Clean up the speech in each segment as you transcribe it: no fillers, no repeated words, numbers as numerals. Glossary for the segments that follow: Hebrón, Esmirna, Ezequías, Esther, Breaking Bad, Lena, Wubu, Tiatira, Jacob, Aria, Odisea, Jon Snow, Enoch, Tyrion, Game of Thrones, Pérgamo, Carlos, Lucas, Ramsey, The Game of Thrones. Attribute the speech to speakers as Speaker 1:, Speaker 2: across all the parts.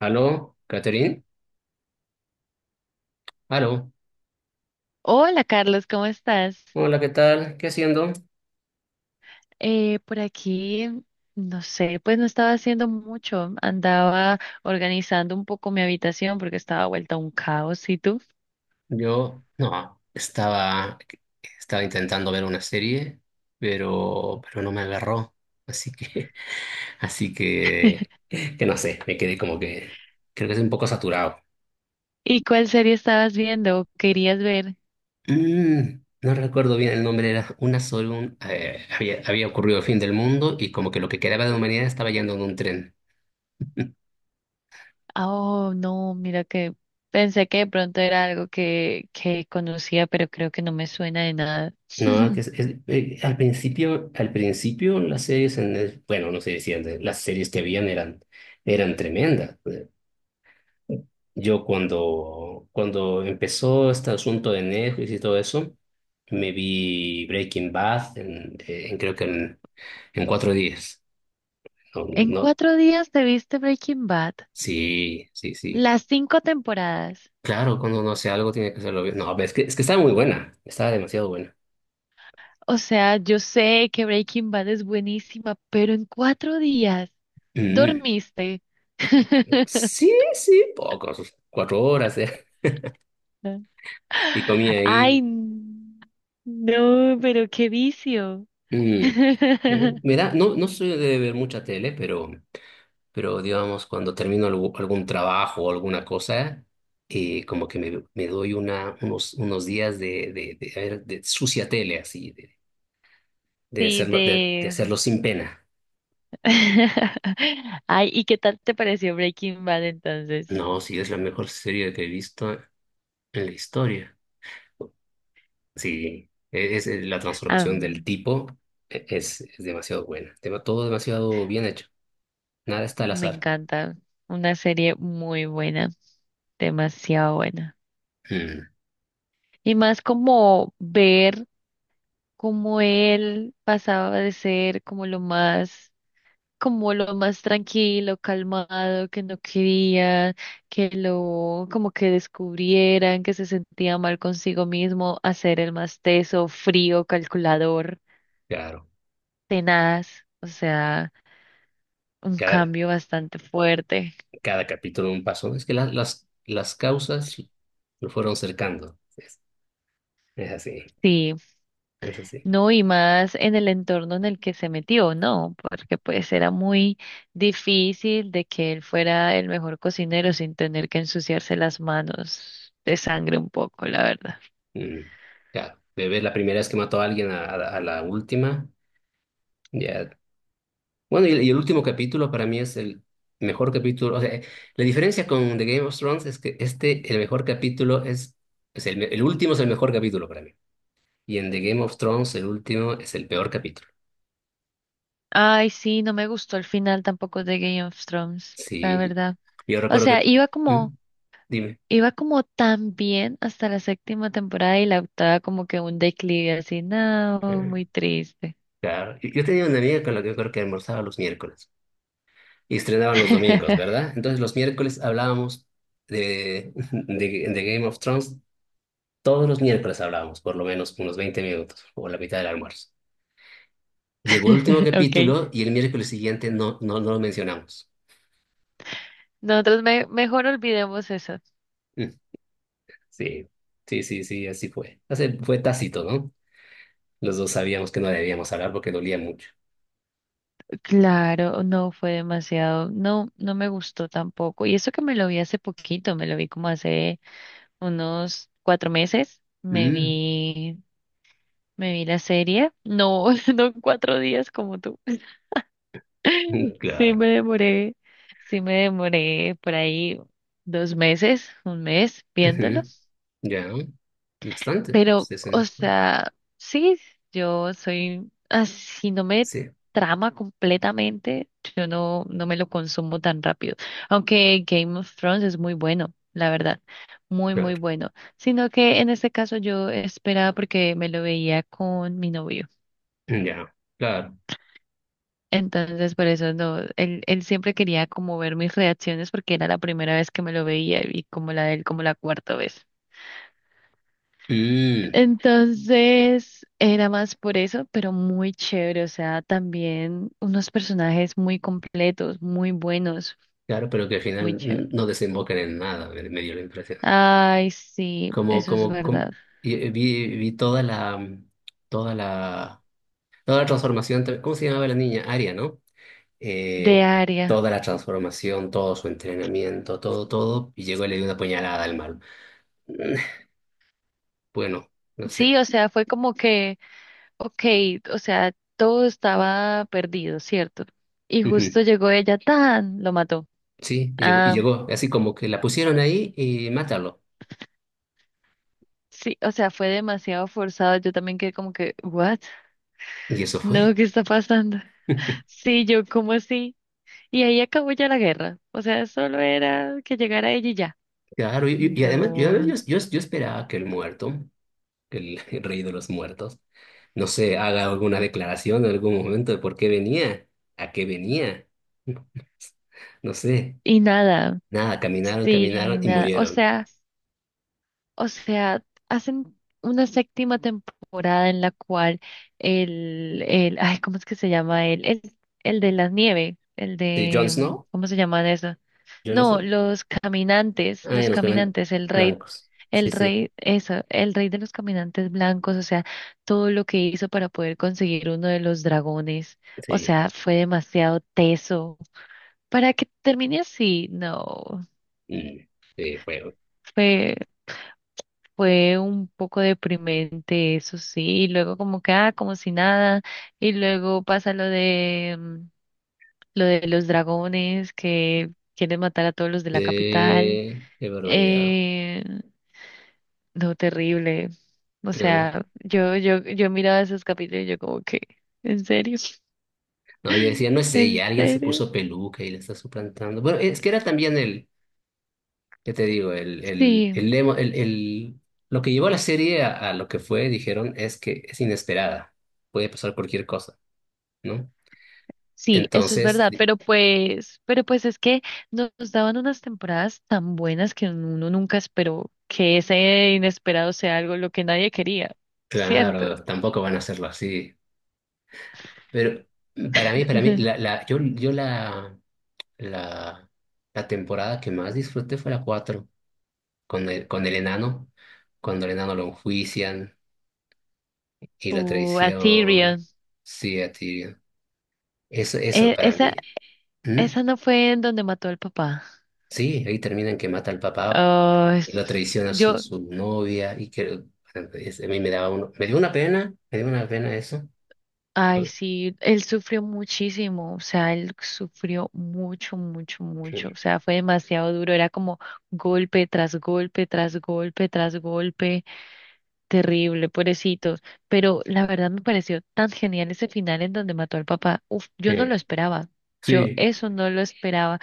Speaker 1: Aló, Catherine. Aló.
Speaker 2: Hola Carlos, ¿cómo estás?
Speaker 1: Hola, ¿qué tal? ¿Qué haciendo?
Speaker 2: Por aquí, no sé, pues no estaba haciendo mucho, andaba organizando un poco mi habitación porque estaba vuelta un caos, ¿y tú?
Speaker 1: Yo, no, estaba, estaba intentando ver una serie, pero, no me agarró. Así que, así que no sé, me quedé como que, creo que es un poco saturado.
Speaker 2: ¿Y cuál serie estabas viendo? ¿O querías ver?
Speaker 1: No recuerdo bien el nombre, era una sola, había, ocurrido el fin del mundo y como que lo que quedaba de la humanidad estaba yendo en un tren.
Speaker 2: Ah, oh, no, mira que pensé que de pronto era algo que conocía, pero creo que no me suena de nada.
Speaker 1: No, que es, al principio, las series bueno, no sé si las series que habían eran, eran tremendas. Yo cuando, cuando empezó este asunto de Netflix y todo eso, me vi Breaking Bad en creo que en 4 días. No,
Speaker 2: ¿En
Speaker 1: no,
Speaker 2: cuatro días te viste Breaking Bad,
Speaker 1: sí, sí, sí.
Speaker 2: las cinco temporadas?
Speaker 1: Claro, cuando uno hace algo tiene que hacerlo bien. No, es que estaba muy buena, estaba demasiado buena.
Speaker 2: O sea, yo sé que Breaking Bad es buenísima, pero en cuatro días
Speaker 1: Mm.
Speaker 2: dormiste.
Speaker 1: Sí, sí, pocos, 4 horas, y comía
Speaker 2: Ay,
Speaker 1: ahí.
Speaker 2: no, pero qué vicio.
Speaker 1: Mm. No, no soy de ver mucha tele, pero digamos, cuando termino algún trabajo o alguna cosa, como que me doy una, unos días de de sucia tele, así, de,
Speaker 2: Sí,
Speaker 1: de
Speaker 2: de...
Speaker 1: hacerlo sin pena.
Speaker 2: Ay, ¿y qué tal te pareció Breaking Bad entonces?
Speaker 1: No, sí, es la mejor serie que he visto en la historia. Sí, es, la
Speaker 2: Ah,
Speaker 1: transformación del tipo, es demasiado buena. Todo demasiado bien hecho. Nada está al
Speaker 2: me
Speaker 1: azar.
Speaker 2: encanta. Una serie muy buena, demasiado buena.
Speaker 1: Mm,
Speaker 2: Y más como ver como él pasaba de ser como lo más tranquilo, calmado, que no quería que lo, como que descubrieran, que se sentía mal consigo mismo, a ser el más teso, frío, calculador,
Speaker 1: claro.
Speaker 2: tenaz, o sea, un cambio bastante fuerte.
Speaker 1: Cada capítulo un paso. Es que las causas lo fueron cercando. Es así,
Speaker 2: Sí.
Speaker 1: es así.
Speaker 2: No, y más en el entorno en el que se metió, ¿no? Porque pues era muy difícil de que él fuera el mejor cocinero sin tener que ensuciarse las manos de sangre un poco, la verdad.
Speaker 1: Mm, claro, de ver la primera vez que mató a alguien a la última, ya. Bueno, y el último capítulo para mí es el mejor capítulo. O sea, la diferencia con The Game of Thrones es que este, el mejor capítulo es el último es el mejor capítulo para mí. Y en The Game of Thrones el último es el peor capítulo.
Speaker 2: Ay, sí, no me gustó el final tampoco de Game of Thrones, la
Speaker 1: Sí,
Speaker 2: verdad.
Speaker 1: yo
Speaker 2: O
Speaker 1: recuerdo
Speaker 2: sea,
Speaker 1: que... ¿Mm? Dime.
Speaker 2: iba como tan bien hasta la séptima temporada, y la octava como que un declive así, no, muy triste.
Speaker 1: Claro. Yo tenía una amiga con la que yo creo que almorzaba los miércoles y estrenaban los domingos, ¿verdad? Entonces los miércoles hablábamos de Game of Thrones, todos los miércoles hablábamos, por lo menos unos 20 minutos o la mitad del almuerzo. Llegó el último
Speaker 2: Ok.
Speaker 1: capítulo y el miércoles siguiente no, no, no lo mencionamos.
Speaker 2: Nosotros mejor olvidemos eso.
Speaker 1: Mm, sí, sí, así fue. O sea, fue tácito, ¿no? Los dos sabíamos que no debíamos hablar porque dolía mucho.
Speaker 2: Claro, no fue demasiado, no, no me gustó tampoco. Y eso que me lo vi hace poquito, me lo vi como hace unos cuatro meses,
Speaker 1: Mm,
Speaker 2: me vi la serie, no, no cuatro días como tú.
Speaker 1: mm,
Speaker 2: Sí
Speaker 1: claro.
Speaker 2: me demoré, sí me demoré por ahí dos meses, un mes viéndolo.
Speaker 1: Ujú, ya, bastante. Pues,
Speaker 2: Pero, o sea, sí, yo soy así, no me
Speaker 1: sí.
Speaker 2: trama completamente, yo no, no me lo consumo tan rápido. Aunque Game of Thrones es muy bueno, la verdad, muy
Speaker 1: Claro.
Speaker 2: bueno. Sino que en este caso yo esperaba porque me lo veía con mi novio.
Speaker 1: Ya, claro.
Speaker 2: Entonces, por eso no, él siempre quería como ver mis reacciones porque era la primera vez que me lo veía, y como la de él, como la cuarta vez.
Speaker 1: Mm,
Speaker 2: Entonces era más por eso, pero muy chévere. O sea, también unos personajes muy completos, muy buenos,
Speaker 1: claro, pero que al
Speaker 2: muy
Speaker 1: final
Speaker 2: chévere.
Speaker 1: no desembocan en nada, me dio la impresión.
Speaker 2: Ay, sí,
Speaker 1: Como,
Speaker 2: eso es
Speaker 1: como,
Speaker 2: verdad.
Speaker 1: como vi, vi toda la, toda la, toda la transformación, ¿cómo se llamaba la niña? Aria, ¿no?
Speaker 2: De
Speaker 1: Eh,
Speaker 2: área.
Speaker 1: toda la transformación, todo su entrenamiento, todo, todo, y llegó y le dio una puñalada al malo. Bueno, no sé.
Speaker 2: Sí, o sea, fue como que, ok, o sea, todo estaba perdido, ¿cierto? Y
Speaker 1: Ujú.
Speaker 2: justo llegó ella, tan, lo mató.
Speaker 1: Sí, y
Speaker 2: Ah,
Speaker 1: llegó, así como que la pusieron ahí y mátalo.
Speaker 2: sí, o sea, fue demasiado forzado. Yo también quedé como que, ¿what?
Speaker 1: Y eso fue.
Speaker 2: No, ¿qué está pasando? Sí, yo como así. Y ahí acabó ya la guerra. O sea, solo era que llegara ella y ya.
Speaker 1: Claro, y, y además yo,
Speaker 2: No.
Speaker 1: yo esperaba que el muerto el rey de los muertos, no sé, haga alguna declaración en algún momento de por qué venía, a qué venía. No sé,
Speaker 2: Y nada.
Speaker 1: nada, caminaron, caminaron
Speaker 2: Sí,
Speaker 1: y
Speaker 2: nada. O
Speaker 1: murieron.
Speaker 2: sea, o sea, hacen una séptima temporada en la cual ay, ¿cómo es que se llama él? El de la nieve, el
Speaker 1: ¿Sí, Jon
Speaker 2: de,
Speaker 1: Snow?
Speaker 2: ¿cómo se llama eso?
Speaker 1: ¿Jon
Speaker 2: No,
Speaker 1: Snow? Ah, ya
Speaker 2: los
Speaker 1: nos quedan
Speaker 2: caminantes,
Speaker 1: blancos. Sí,
Speaker 2: el
Speaker 1: sí,
Speaker 2: rey, eso, el rey de los caminantes blancos, o sea, todo lo que hizo para poder conseguir uno de los dragones, o
Speaker 1: sí.
Speaker 2: sea, fue demasiado teso. Para que termine así, no,
Speaker 1: Mm, sí, fuego.
Speaker 2: fue, fue un poco deprimente, eso sí, y luego como que, ah, como si nada, y luego pasa lo de, lo de los dragones que quieren matar a todos los de la capital.
Speaker 1: Sí, qué barbaridad.
Speaker 2: Eh, No, terrible. O
Speaker 1: Ah,
Speaker 2: sea, yo miraba esos capítulos y yo como que, ¿en serio?
Speaker 1: no, yo decía, no es
Speaker 2: ¿En
Speaker 1: ella, alguien se
Speaker 2: serio?
Speaker 1: puso peluca y le está suplantando. Bueno, es que era también el, ¿qué te digo? El,
Speaker 2: Sí,
Speaker 1: lo que llevó a la serie a lo que fue, dijeron, es que es inesperada. Puede pasar cualquier cosa, ¿no?
Speaker 2: sí, eso es
Speaker 1: Entonces,
Speaker 2: verdad.
Speaker 1: di-
Speaker 2: Pero pues es que nos daban unas temporadas tan buenas que uno nunca esperó que ese inesperado sea algo lo que nadie quería, ¿cierto?
Speaker 1: claro, tampoco van a hacerlo así. Pero para mí, yo, la, la temporada que más disfruté fue la 4 con el enano, cuando el enano lo enjuician y la
Speaker 2: O a
Speaker 1: traición.
Speaker 2: Tyrion.
Speaker 1: Sí, a Tyrion. Eso
Speaker 2: E-
Speaker 1: para
Speaker 2: esa,
Speaker 1: mí. ¿Mm?
Speaker 2: esa no fue en donde mató al papá.
Speaker 1: Sí, ahí terminan que mata al papá
Speaker 2: Ah,
Speaker 1: y lo
Speaker 2: es-
Speaker 1: traiciona su,
Speaker 2: yo,
Speaker 1: su novia y que bueno, a mí me daba uno, me dio una pena, me dio una pena eso.
Speaker 2: Ay,
Speaker 1: por-
Speaker 2: sí, él sufrió muchísimo, o sea, él sufrió mucho, mucho, mucho,
Speaker 1: eh,
Speaker 2: o sea, fue demasiado duro, era como golpe tras golpe, tras golpe, tras golpe, terrible, pobrecitos, pero la verdad me pareció tan genial ese final en donde mató al papá, uf, yo no lo
Speaker 1: eh,
Speaker 2: esperaba, yo
Speaker 1: Sí,
Speaker 2: eso no lo esperaba,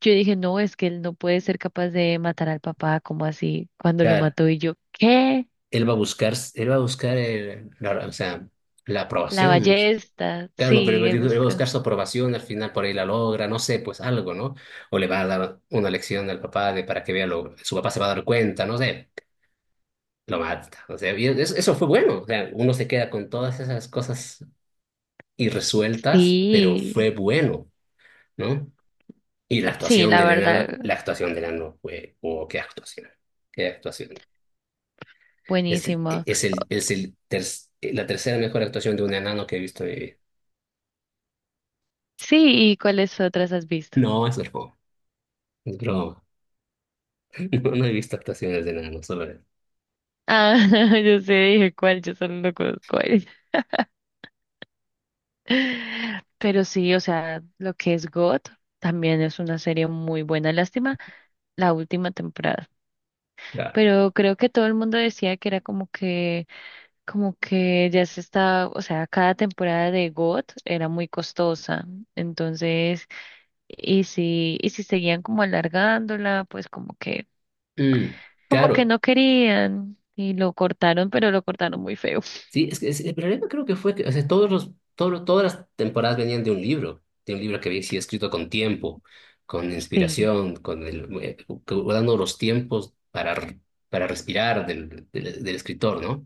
Speaker 2: yo dije, no, es que él no puede ser capaz de matar al papá, como así, cuando lo
Speaker 1: claro,
Speaker 2: mató y yo, ¿qué?
Speaker 1: él va a buscar, él va a buscar o sea, la
Speaker 2: La
Speaker 1: aprobación.
Speaker 2: ballesta,
Speaker 1: Claro, no, pero
Speaker 2: sí,
Speaker 1: él
Speaker 2: él
Speaker 1: va a
Speaker 2: busca,
Speaker 1: buscar su aprobación, al final por ahí la logra, no sé, pues algo, ¿no? O le va a dar una lección al papá de para que vea lo, su papá se va a dar cuenta, no sé, lo mata. O sea, y eso fue bueno, o sea, uno se queda con todas esas cosas y resueltas, pero
Speaker 2: sí.
Speaker 1: fue bueno, ¿no? Y la
Speaker 2: Sí,
Speaker 1: actuación
Speaker 2: la
Speaker 1: de
Speaker 2: verdad,
Speaker 1: Lena, la actuación de Leno fue, oh, qué actuación, qué actuación. Es,
Speaker 2: buenísimo.
Speaker 1: es, el, la tercera mejor actuación de un enano que he visto en mi vida.
Speaker 2: Sí, ¿y cuáles otras has visto?
Speaker 1: No, es broma, es broma. No, no he visto actuaciones de enano, solo es.
Speaker 2: Ah, yo sé, dije cuál, yo solo no conozco él. Pero sí, o sea, lo que es God también es una serie muy buena. Lástima la última temporada.
Speaker 1: Claro.
Speaker 2: Pero creo que todo el mundo decía que era como que ya se está, o sea, cada temporada de God era muy costosa. Entonces, y si seguían como alargándola, pues como que
Speaker 1: Mm,
Speaker 2: como que
Speaker 1: claro.
Speaker 2: no querían y lo cortaron, pero lo cortaron muy feo.
Speaker 1: Sí, es que el problema creo que fue que o sea, todos los, todas las temporadas venían de un libro que había sido escrito con tiempo, con
Speaker 2: Sí,
Speaker 1: inspiración, con el, dando los tiempos para respirar del escritor, ¿no?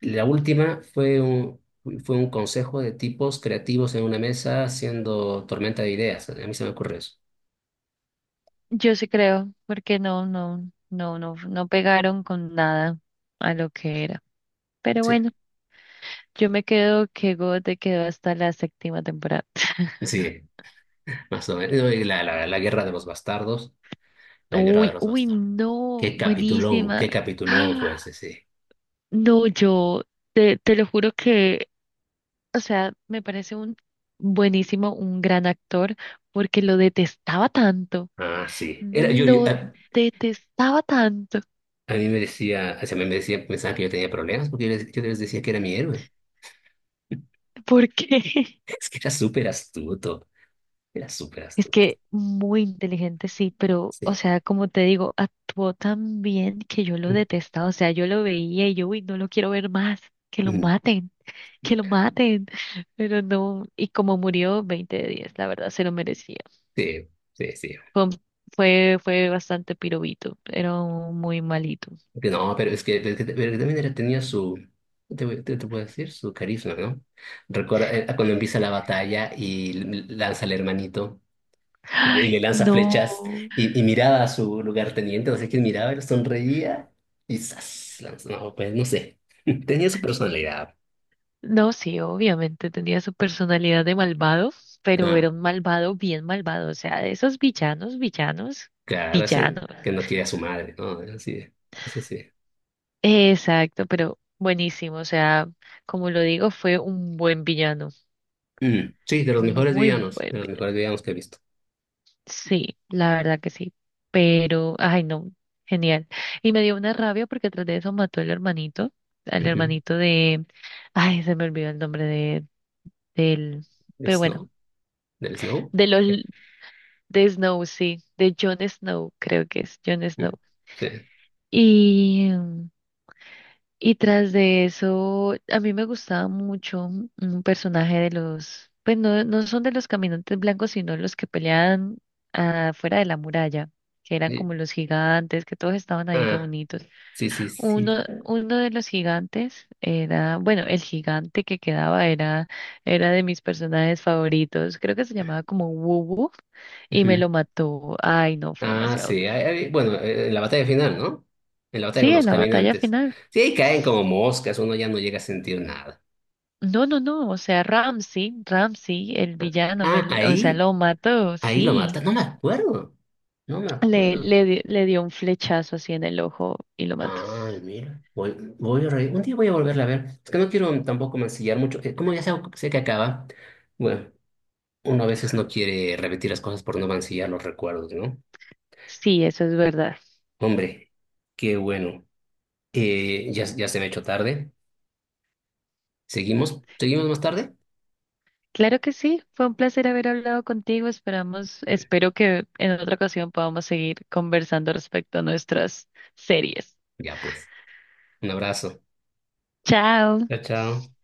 Speaker 1: La última fue un consejo de tipos creativos en una mesa haciendo tormenta de ideas. A mí se me ocurre eso.
Speaker 2: yo sí creo, porque no pegaron con nada a lo que era. Pero
Speaker 1: Sí,
Speaker 2: bueno, yo me quedo que God te quedó hasta la séptima temporada.
Speaker 1: sí, más o menos. No, y la guerra de los bastardos, la guerra de los
Speaker 2: Uy,
Speaker 1: bastardos.
Speaker 2: no, buenísima.
Speaker 1: Qué capitulón fue
Speaker 2: ¡Ah!
Speaker 1: ese, sí.
Speaker 2: No, te lo juro que, o sea, me parece un buenísimo, un gran actor, porque lo detestaba tanto,
Speaker 1: Ah, sí. Era,
Speaker 2: lo detestaba tanto.
Speaker 1: a mí me decía, o sea, me me decía, pensaba que yo tenía problemas porque yo les decía que era mi héroe.
Speaker 2: Porque
Speaker 1: Es que era súper astuto, era súper
Speaker 2: es
Speaker 1: astuto.
Speaker 2: que muy inteligente, sí, pero, o
Speaker 1: Sí.
Speaker 2: sea, como te digo, actuó tan bien que yo lo detestaba, o sea, yo lo veía y yo, uy, no lo quiero ver más, que lo
Speaker 1: Mm,
Speaker 2: maten, que lo maten, pero no, y como murió, 20 de 10 la verdad, se lo merecía.
Speaker 1: sí, sí, sí.
Speaker 2: Fue, un- fue, fue bastante pirobito, era un muy malito.
Speaker 1: Que no, pero es que, pero que también tenía su, te, te puedo decir, su carisma, ¿no? Recuerda cuando empieza la batalla y lanza al hermanito. Y le, y le
Speaker 2: Ay,
Speaker 1: lanza flechas
Speaker 2: no.
Speaker 1: y miraba a su lugarteniente, no sé quién miraba, él sonreía y ¡zas! No, pues no sé. Tenía su personalidad.
Speaker 2: No, sí, obviamente tenía su personalidad de malvado, pero
Speaker 1: Ah,
Speaker 2: era un malvado bien malvado, o sea, de esos villanos, villanos,
Speaker 1: claro, ese
Speaker 2: villanos.
Speaker 1: que no quiere a su madre, ¿no? Ese sí, ese sí.
Speaker 2: Exacto, pero buenísimo, o sea, como lo digo, fue un buen villano,
Speaker 1: Mm, sí, de los mejores
Speaker 2: muy
Speaker 1: villanos,
Speaker 2: buen
Speaker 1: de los
Speaker 2: villano.
Speaker 1: mejores villanos que he visto.
Speaker 2: Sí, la verdad que sí, pero, ay, no, genial. Y me dio una rabia porque tras de eso mató al
Speaker 1: Ujú.
Speaker 2: hermanito de, ay, se me olvidó el nombre de, del,
Speaker 1: ¿De
Speaker 2: pero bueno,
Speaker 1: Snow? ¿Del Snow?
Speaker 2: de los
Speaker 1: Ya.
Speaker 2: de Snow, sí, de Jon Snow, creo que es Jon Snow.
Speaker 1: Mm, sí.
Speaker 2: Y, y tras de eso, a mí me gustaba mucho un personaje de los, pues no, no son de los caminantes blancos, sino los que peleaban afuera de la muralla, que eran
Speaker 1: Y-
Speaker 2: como los gigantes, que todos estaban ahí
Speaker 1: ah,
Speaker 2: reunidos.
Speaker 1: sí, sí, sí.
Speaker 2: Uno de los gigantes era, bueno, el gigante que quedaba era, era de mis personajes favoritos, creo que se llamaba como Wubu y me lo mató. Ay, no, fue
Speaker 1: Ah,
Speaker 2: demasiado.
Speaker 1: sí. Bueno, en la batalla final, ¿no? En la batalla
Speaker 2: Sí,
Speaker 1: con
Speaker 2: en
Speaker 1: los
Speaker 2: la batalla
Speaker 1: caminantes.
Speaker 2: final.
Speaker 1: Sí, ahí caen como moscas, uno ya no llega a sentir nada.
Speaker 2: No, no, no, o sea, Ramsey, el villano,
Speaker 1: Ah,
Speaker 2: o sea,
Speaker 1: ahí,
Speaker 2: lo mató,
Speaker 1: ahí lo
Speaker 2: sí.
Speaker 1: mata. No me acuerdo. No me acuerdo.
Speaker 2: Le dio un flechazo así en el ojo y lo mató.
Speaker 1: Ay, mira. Voy, un día voy a volverla a ver. Es que no quiero tampoco mancillar mucho. Como ya sé, sé que acaba, bueno, uno a veces no quiere repetir las cosas por no mancillar los recuerdos, ¿no?
Speaker 2: Sí, eso es verdad.
Speaker 1: Hombre, qué bueno. Ya se me ha hecho tarde. ¿Seguimos? ¿Seguimos más tarde?
Speaker 2: Claro que sí, fue un placer haber hablado contigo. Esperamos, espero que en otra ocasión podamos seguir conversando respecto a nuestras series.
Speaker 1: Ya pues. Un abrazo.
Speaker 2: Chao.
Speaker 1: Chao, chao.